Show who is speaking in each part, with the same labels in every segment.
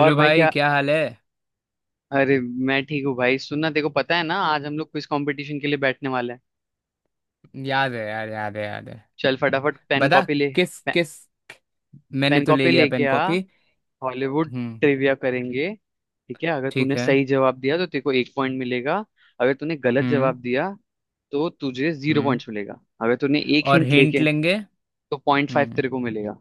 Speaker 1: और भाई
Speaker 2: भाई
Speaker 1: क्या?
Speaker 2: क्या हाल है।
Speaker 1: अरे, मैं ठीक हूँ भाई। सुनना, देखो पता है ना, आज हम लोग क्विज कंपटीशन के लिए बैठने वाले हैं।
Speaker 2: याद है यार, याद है याद है।
Speaker 1: चल फटाफट पेन
Speaker 2: बता
Speaker 1: कॉपी ले।
Speaker 2: किस
Speaker 1: पे,
Speaker 2: किस। मैंने
Speaker 1: पेन
Speaker 2: तो ले
Speaker 1: कॉपी
Speaker 2: लिया
Speaker 1: लेके
Speaker 2: पेन
Speaker 1: आ।
Speaker 2: कॉपी।
Speaker 1: हॉलीवुड
Speaker 2: हम्म।
Speaker 1: ट्रिविया करेंगे। ठीक है, अगर
Speaker 2: ठीक
Speaker 1: तूने
Speaker 2: है।
Speaker 1: सही जवाब दिया तो तेरे को एक पॉइंट मिलेगा। अगर तूने गलत
Speaker 2: हम्म।
Speaker 1: जवाब दिया तो तुझे जीरो
Speaker 2: हम्म
Speaker 1: पॉइंट्स मिलेगा। अगर तूने एक
Speaker 2: और
Speaker 1: हिंट
Speaker 2: हिंट
Speaker 1: लेके
Speaker 2: लेंगे।
Speaker 1: तो पॉइंट फाइव
Speaker 2: हम्म।
Speaker 1: तेरे को मिलेगा।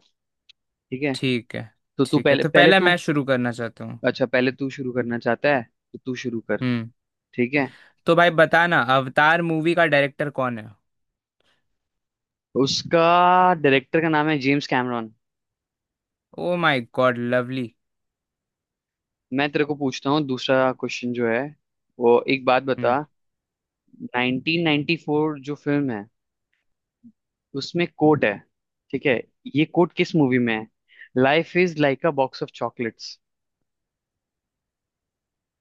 Speaker 1: ठीक है,
Speaker 2: ठीक है।
Speaker 1: तो तू
Speaker 2: ठीक है
Speaker 1: पहले
Speaker 2: तो
Speaker 1: पहले
Speaker 2: पहले
Speaker 1: तू।
Speaker 2: मैं शुरू करना चाहता हूँ।
Speaker 1: अच्छा, पहले तू शुरू करना चाहता है, तो तू शुरू कर।
Speaker 2: हम्म।
Speaker 1: ठीक है।
Speaker 2: तो भाई बताना, अवतार मूवी का डायरेक्टर कौन है।
Speaker 1: उसका डायरेक्टर का नाम है James Cameron.
Speaker 2: Oh my God lovely.
Speaker 1: मैं तेरे को पूछता हूँ, दूसरा क्वेश्चन जो है, वो एक बात बता।
Speaker 2: हम्म।
Speaker 1: 1994 जो फिल्म है, उसमें कोट है। ठीक है, ये कोट किस मूवी में है? Life is like a box of chocolates.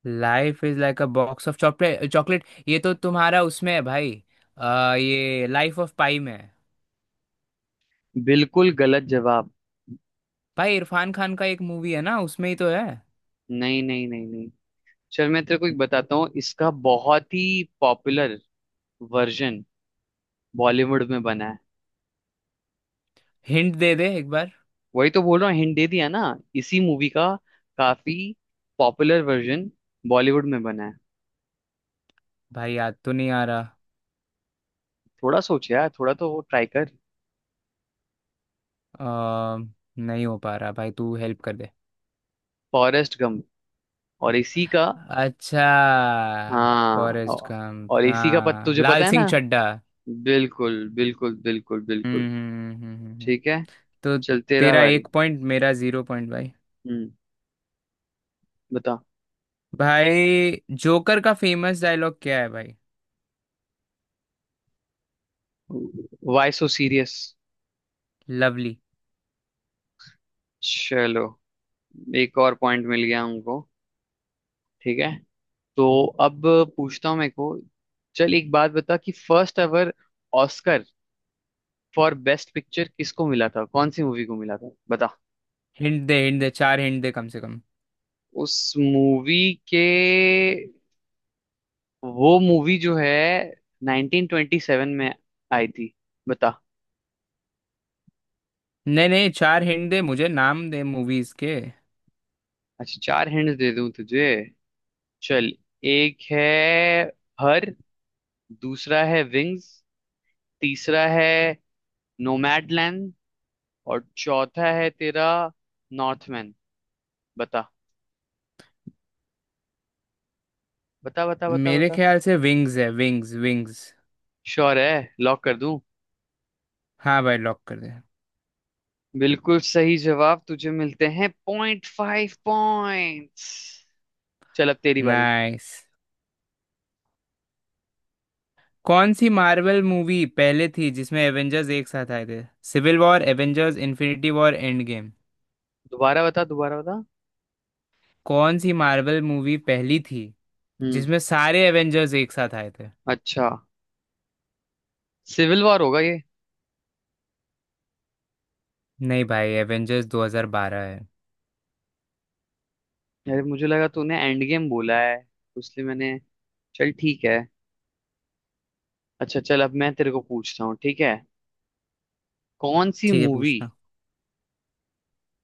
Speaker 2: Life is like a box of chocolate chocolate, ये तो तुम्हारा उसमें है भाई। ये लाइफ ऑफ पाई में है।
Speaker 1: बिल्कुल गलत जवाब।
Speaker 2: भाई इरफान खान का एक मूवी है ना, उसमें ही तो है।
Speaker 1: नहीं नहीं नहीं नहीं। चल मैं तेरे को एक बताता हूँ, इसका बहुत ही पॉपुलर वर्जन बॉलीवुड में बना है।
Speaker 2: हिंट दे दे एक बार।
Speaker 1: वही तो बोल रहा हूँ, हिंट दे दिया ना। इसी मूवी का काफी पॉपुलर वर्जन बॉलीवुड में बना है।
Speaker 2: भाई याद तो नहीं आ रहा।
Speaker 1: थोड़ा सोच यार, थोड़ा तो ट्राई कर।
Speaker 2: आ, नहीं हो पा रहा भाई, तू हेल्प कर दे।
Speaker 1: फॉरेस्ट गम और इसी का।
Speaker 2: अच्छा।
Speaker 1: हाँ
Speaker 2: फॉरेस्ट गंप,
Speaker 1: और इसी का पत
Speaker 2: हाँ
Speaker 1: तुझे पता
Speaker 2: लाल
Speaker 1: है
Speaker 2: सिंह
Speaker 1: ना।
Speaker 2: चड्ढा।
Speaker 1: बिल्कुल बिल्कुल बिल्कुल बिल्कुल।
Speaker 2: हम्म हम्म, हम्म, हम्म, हम्म।
Speaker 1: ठीक है,
Speaker 2: तो
Speaker 1: चल तेरा
Speaker 2: तेरा
Speaker 1: बारी।
Speaker 2: एक पॉइंट, मेरा जीरो पॉइंट भाई।
Speaker 1: हम्म, बता।
Speaker 2: भाई जोकर का फेमस डायलॉग क्या है भाई।
Speaker 1: Why so serious.
Speaker 2: लवली।
Speaker 1: चलो, एक और पॉइंट मिल गया हमको। ठीक है, तो अब पूछता हूँ मेरे को। चल एक बात बता कि first ever Oscar for best picture किसको मिला था, कौन सी मूवी को मिला था, बता।
Speaker 2: हिंट दे हिंट दे, चार हिंट दे कम से कम।
Speaker 1: उस मूवी के, वो मूवी जो है 1927 में आई थी, बता।
Speaker 2: नहीं नहीं, चार हिंट दे, मुझे नाम दे मूवीज के।
Speaker 1: अच्छा, चार हिंट दे दूं तुझे। चल, एक है हर, दूसरा है विंग्स, तीसरा है नोमैडलैंड, और चौथा है तेरा नॉर्थमैन। बता बता बता बता
Speaker 2: मेरे
Speaker 1: बता।
Speaker 2: ख्याल से विंग्स है, विंग्स विंग्स।
Speaker 1: श्योर है? लॉक कर दूं?
Speaker 2: हाँ भाई लॉक कर दे।
Speaker 1: बिल्कुल सही जवाब, तुझे मिलते हैं पॉइंट फाइव पॉइंट्स। चल अब तेरी बारी।
Speaker 2: नाइस। कौन सी मार्वल मूवी पहले थी जिसमें एवेंजर्स एक साथ आए थे। Civil War, Avengers Infinity War, Endgame.
Speaker 1: दोबारा बता, दोबारा बता।
Speaker 2: कौन सी मार्वल मूवी पहली थी
Speaker 1: हम्म।
Speaker 2: जिसमें सारे एवेंजर्स एक साथ आए थे।
Speaker 1: अच्छा, सिविल वॉर होगा ये।
Speaker 2: नहीं भाई, एवेंजर्स 2012 है।
Speaker 1: यार मुझे लगा तूने एंड गेम बोला है, तो इसलिए मैंने। चल ठीक है। अच्छा चल, अब मैं तेरे को पूछता हूँ, ठीक है। कौन सी
Speaker 2: ठीक है
Speaker 1: मूवी,
Speaker 2: पूछना।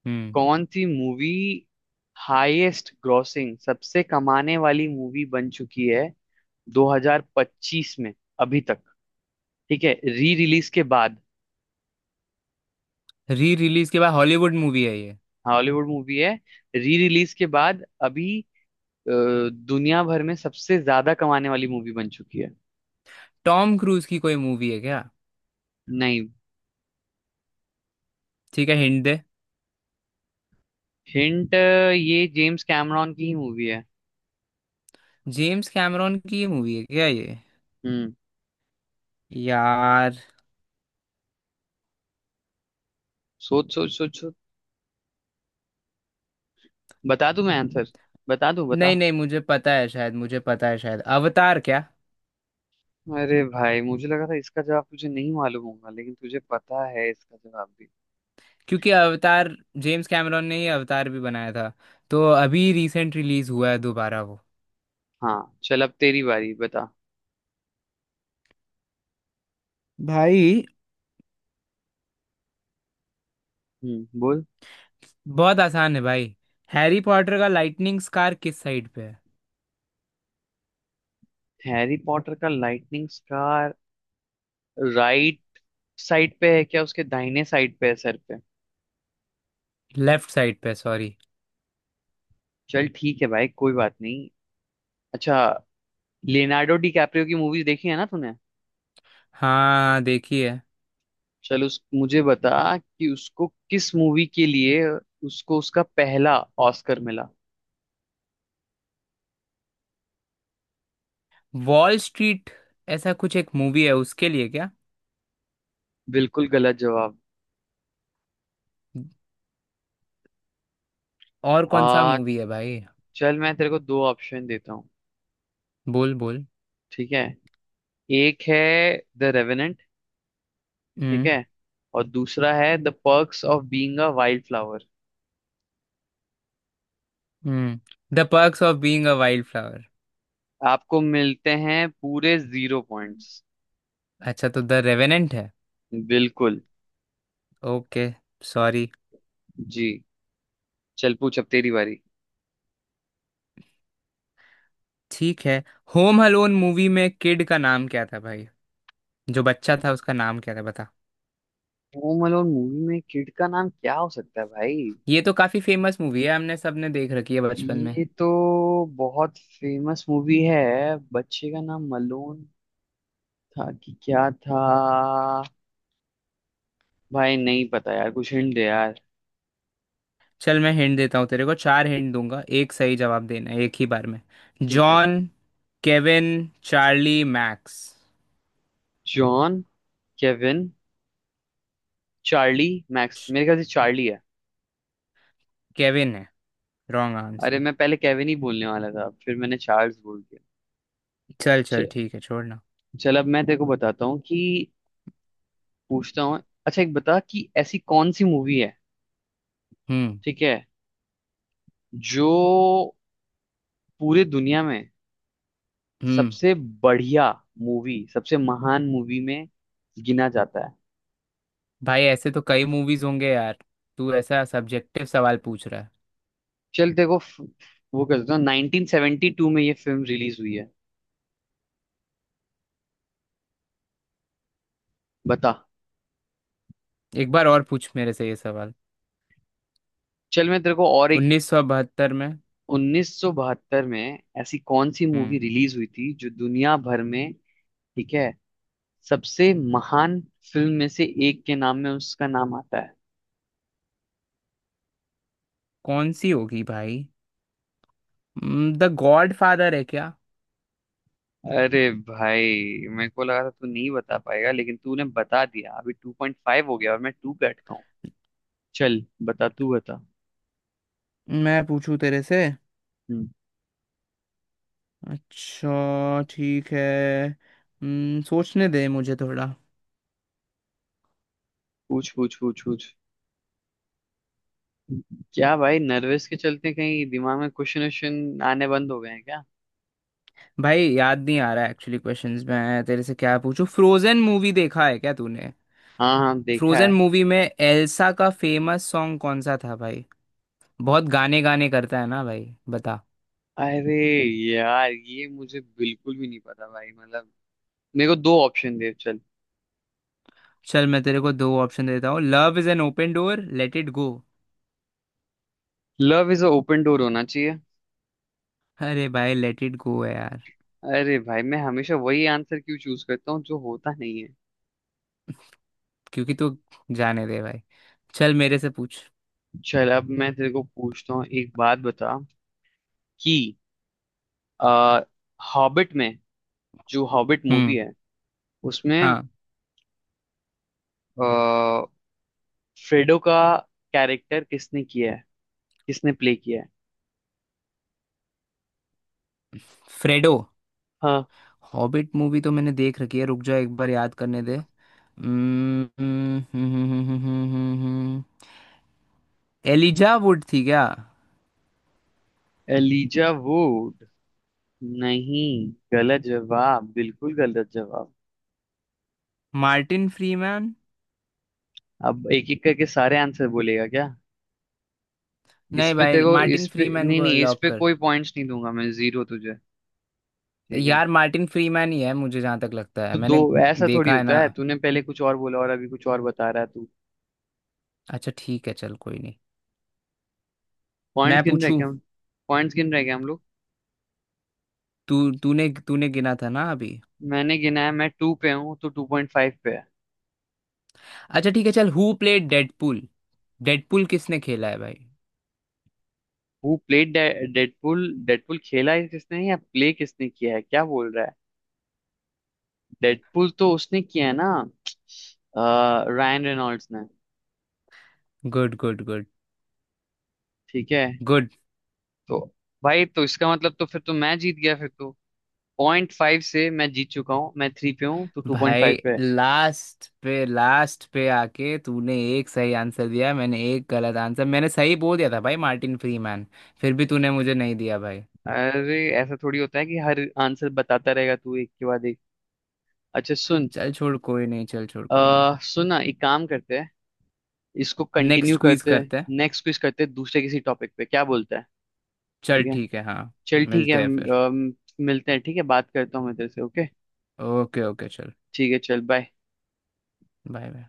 Speaker 2: हम्म।
Speaker 1: कौन सी मूवी हाईएस्ट ग्रॉसिंग, सबसे कमाने वाली मूवी बन चुकी है 2025 में अभी तक। ठीक है, री रिलीज के बाद।
Speaker 2: री रिलीज के बाद हॉलीवुड मूवी है ये।
Speaker 1: हॉलीवुड मूवी है, री रिलीज के बाद अभी दुनिया भर में सबसे ज्यादा कमाने वाली मूवी बन चुकी है।
Speaker 2: टॉम क्रूज की कोई मूवी है क्या।
Speaker 1: नहीं।
Speaker 2: ठीक है, हिंट दे।
Speaker 1: हिंट, ये जेम्स कैमरॉन की ही मूवी है।
Speaker 2: जेम्स कैमरॉन की ये मूवी है क्या ये।
Speaker 1: हम्म।
Speaker 2: यार।
Speaker 1: सोच सोच सोच सोच। बता दूं मैं आंसर? बता दूं, बता।
Speaker 2: नहीं नहीं, मुझे पता है शायद, मुझे पता है शायद अवतार क्या।
Speaker 1: अरे भाई, मुझे लगा था इसका जवाब तुझे नहीं मालूम होगा, लेकिन तुझे पता है इसका जवाब भी।
Speaker 2: क्योंकि अवतार, जेम्स कैमरॉन ने ही अवतार भी बनाया था। तो अभी रिसेंट रिलीज हुआ है दोबारा वो।
Speaker 1: हाँ चल, अब तेरी बारी बता।
Speaker 2: भाई,
Speaker 1: हम्म, बोल।
Speaker 2: बहुत आसान है भाई। हैरी पॉटर का लाइटनिंग स्कार किस साइड पे है।
Speaker 1: हैरी पॉटर का लाइटनिंग स्कार राइट साइड पे है क्या, उसके दाहिने साइड पे है सर पे?
Speaker 2: लेफ्ट साइड पे, सॉरी।
Speaker 1: चल ठीक है भाई, कोई बात नहीं। अच्छा, लियोनार्डो डी कैप्रियो की मूवीज देखी है ना तूने?
Speaker 2: हाँ देखिए।
Speaker 1: चल उस मुझे बता कि उसको किस मूवी के लिए, उसको उसका पहला ऑस्कर मिला।
Speaker 2: वॉल स्ट्रीट, ऐसा कुछ एक मूवी है उसके लिए क्या।
Speaker 1: बिल्कुल गलत जवाब।
Speaker 2: और कौन सा
Speaker 1: आ
Speaker 2: मूवी है भाई।
Speaker 1: चल मैं तेरे को दो ऑप्शन देता हूँ,
Speaker 2: बोल बोल।
Speaker 1: ठीक है। एक है द रेवेनेंट, ठीक
Speaker 2: हम्म।
Speaker 1: है, और दूसरा है the perks of being a wild flower.
Speaker 2: हम्म। The perks of being a wild flower.
Speaker 1: आपको मिलते हैं पूरे जीरो पॉइंट्स।
Speaker 2: अच्छा, तो द रेवेनेंट है।
Speaker 1: बिल्कुल।
Speaker 2: ओके। सॉरी।
Speaker 1: जी। चल पूछ, अब तेरी बारी।
Speaker 2: ठीक है। होम अलोन मूवी में किड का नाम क्या था भाई। जो बच्चा था उसका नाम क्या था बता।
Speaker 1: होम अलोन मूवी में किड का नाम क्या हो सकता है भाई?
Speaker 2: ये तो काफी फेमस मूवी है, हमने सबने देख रखी है बचपन में।
Speaker 1: ये तो बहुत फेमस मूवी है। बच्चे का नाम मलून था कि क्या था? भाई नहीं पता यार, कुछ हिंट दे यार।
Speaker 2: चल मैं हिंट देता हूँ तेरे को, चार हिंट दूंगा, एक सही जवाब देना है एक ही बार में।
Speaker 1: ठीक है।
Speaker 2: John, Kevin, Charlie, Max.
Speaker 1: John, Kevin, Charlie, Max,
Speaker 2: श-
Speaker 1: मेरे ख्याल से चार्ली है।
Speaker 2: केविन है। रॉन्ग
Speaker 1: अरे
Speaker 2: आंसर।
Speaker 1: मैं पहले केविन ही बोलने वाला था, फिर मैंने चार्ल्स बोल दिया।
Speaker 2: चल
Speaker 1: च-
Speaker 2: चल ठीक है, छोड़ना।
Speaker 1: चल अब मैं तेरे को बताता हूँ कि पूछता हूँ। अच्छा एक बता कि ऐसी कौन सी मूवी है,
Speaker 2: हम्म।
Speaker 1: ठीक है, जो पूरे दुनिया में
Speaker 2: हम्म।
Speaker 1: सबसे बढ़िया मूवी, सबसे महान मूवी में गिना जाता है?
Speaker 2: भाई ऐसे तो कई मूवीज होंगे यार, तू ऐसा सब्जेक्टिव सवाल पूछ रहा है।
Speaker 1: चल तेरे को वो कर देता हूँ, 1972 में ये फिल्म रिलीज हुई है, बता।
Speaker 2: एक बार और पूछ मेरे से ये सवाल।
Speaker 1: चल मैं तेरे को और एक,
Speaker 2: 1972 में।
Speaker 1: 1972 में ऐसी कौन सी मूवी
Speaker 2: हम्म।
Speaker 1: रिलीज हुई थी जो दुनिया भर में, ठीक है, सबसे महान फिल्म में से एक के नाम में उसका नाम आता है?
Speaker 2: कौन सी होगी भाई। द गॉड फादर है क्या।
Speaker 1: अरे भाई, मेरे को लगा था तू नहीं बता पाएगा लेकिन तूने बता दिया। अभी 2.5 हो गया और मैं 2 पे अटका हूँ। चल बता, तू बता।
Speaker 2: मैं पूछूं तेरे से।
Speaker 1: हम्म।
Speaker 2: अच्छा ठीक है। सोचने दे मुझे थोड़ा।
Speaker 1: पूछ पूछ पूछ पूछ। क्या भाई, नर्वस के चलते कहीं दिमाग में क्वेश्चन वोश्चन आने बंद हो गए हैं क्या?
Speaker 2: भाई याद नहीं आ रहा एक्चुअली क्वेश्चंस, मैं तेरे से क्या पूछूं। फ्रोजन मूवी देखा है क्या तूने।
Speaker 1: हाँ हाँ, देखा
Speaker 2: फ्रोजन
Speaker 1: है।
Speaker 2: मूवी में एल्सा का फेमस सॉन्ग कौन सा था भाई। बहुत गाने गाने करता है ना भाई। बता।
Speaker 1: अरे यार, ये मुझे बिल्कुल भी नहीं पता भाई, मतलब मेरे को दो ऑप्शन दे चल।
Speaker 2: चल मैं तेरे को दो ऑप्शन देता हूँ, love is an open door, let it go.
Speaker 1: Love is a open door होना चाहिए।
Speaker 2: अरे भाई लेट इट गो है यार।
Speaker 1: अरे भाई, मैं हमेशा वही आंसर क्यों चूज करता हूँ जो होता नहीं है?
Speaker 2: क्योंकि तू, जाने दे भाई। चल मेरे से पूछ।
Speaker 1: चल अब मैं तेरे को पूछता हूँ, एक बात बता कि आ, हॉबिट में, जो हॉबिट मूवी
Speaker 2: हम्म।
Speaker 1: है, उसमें
Speaker 2: हाँ।
Speaker 1: आ, फ्रेडो का कैरेक्टर किसने किया है, किसने प्ले किया है?
Speaker 2: फ्रेडो।
Speaker 1: हाँ।
Speaker 2: हॉबिट मूवी तो मैंने देख रखी है, रुक जा एक बार याद करने दे। एलिजा वुड थी क्या।
Speaker 1: Elijah would? नहीं, गलत जवाब, बिल्कुल गलत जवाब।
Speaker 2: Martin Freeman.
Speaker 1: अब एक एक करके सारे आंसर बोलेगा क्या? इस
Speaker 2: नहीं
Speaker 1: पे तेरे
Speaker 2: भाई,
Speaker 1: को, इस
Speaker 2: मार्टिन
Speaker 1: पे
Speaker 2: फ्रीमैन
Speaker 1: नहीं
Speaker 2: को
Speaker 1: नहीं, इस
Speaker 2: लॉक
Speaker 1: पे
Speaker 2: कर।
Speaker 1: कोई पॉइंट्स नहीं दूंगा मैं, जीरो तुझे। ठीक है,
Speaker 2: यार मार्टिन फ्रीमैन ही है मुझे जहाँ तक लगता है,
Speaker 1: तो दो।
Speaker 2: मैंने
Speaker 1: ऐसा थोड़ी
Speaker 2: देखा है ना।
Speaker 1: होता है, तूने पहले कुछ और बोला और अभी कुछ और बता रहा है तू।
Speaker 2: अच्छा ठीक है चल, कोई नहीं। मैं
Speaker 1: पॉइंट्स गिन रहे
Speaker 2: पूछूं।
Speaker 1: क्या हम, पॉइंट्स गिन रहे क्या हम लोग?
Speaker 2: तू तूने तूने गिना था ना अभी।
Speaker 1: मैंने गिना है, मैं टू पे हूँ तो टू पॉइंट फाइव पे है।
Speaker 2: अच्छा ठीक है। चल, हु प्लेड डेडपूल। डेडपूल किसने खेला है भाई।
Speaker 1: Who played Deadpool? डेडपुल खेला है किसने, या प्ले किसने किया है, क्या बोल रहा है? डेडपुल तो उसने किया है ना, रायन रेनॉल्ड्स ने।
Speaker 2: Good good good.
Speaker 1: ठीक है,
Speaker 2: गुड।
Speaker 1: तो भाई तो इसका मतलब तो फिर तो मैं जीत गया फिर तो, पॉइंट फाइव से मैं जीत चुका हूँ, मैं थ्री पे हूँ तो टू पॉइंट
Speaker 2: भाई
Speaker 1: फाइव पे है।
Speaker 2: लास्ट पे, लास्ट पे आके तूने एक सही आंसर दिया, मैंने एक गलत आंसर, मैंने सही बोल दिया था भाई मार्टिन फ्रीमैन। फिर भी तूने मुझे नहीं दिया भाई।
Speaker 1: अरे ऐसा थोड़ी होता है कि हर आंसर बताता रहेगा तू एक के बाद एक। अच्छा सुन,
Speaker 2: चल छोड़ कोई नहीं, चल छोड़ कोई नहीं।
Speaker 1: सुन ना, एक काम करते हैं, इसको कंटिन्यू
Speaker 2: नेक्स्ट क्विज
Speaker 1: करते हैं।
Speaker 2: करते हैं।
Speaker 1: नेक्स्ट क्विज करते हैं दूसरे किसी टॉपिक पे, क्या बोलता है?
Speaker 2: चल
Speaker 1: ठीक है,
Speaker 2: ठीक है, हाँ
Speaker 1: चल ठीक है,
Speaker 2: मिलते हैं फिर।
Speaker 1: मिलते हैं, ठीक है, बात करता हूँ मैं तेरे से। ओके,
Speaker 2: ओके ओके चल।
Speaker 1: ठीक है, चल बाय।
Speaker 2: Bye bye.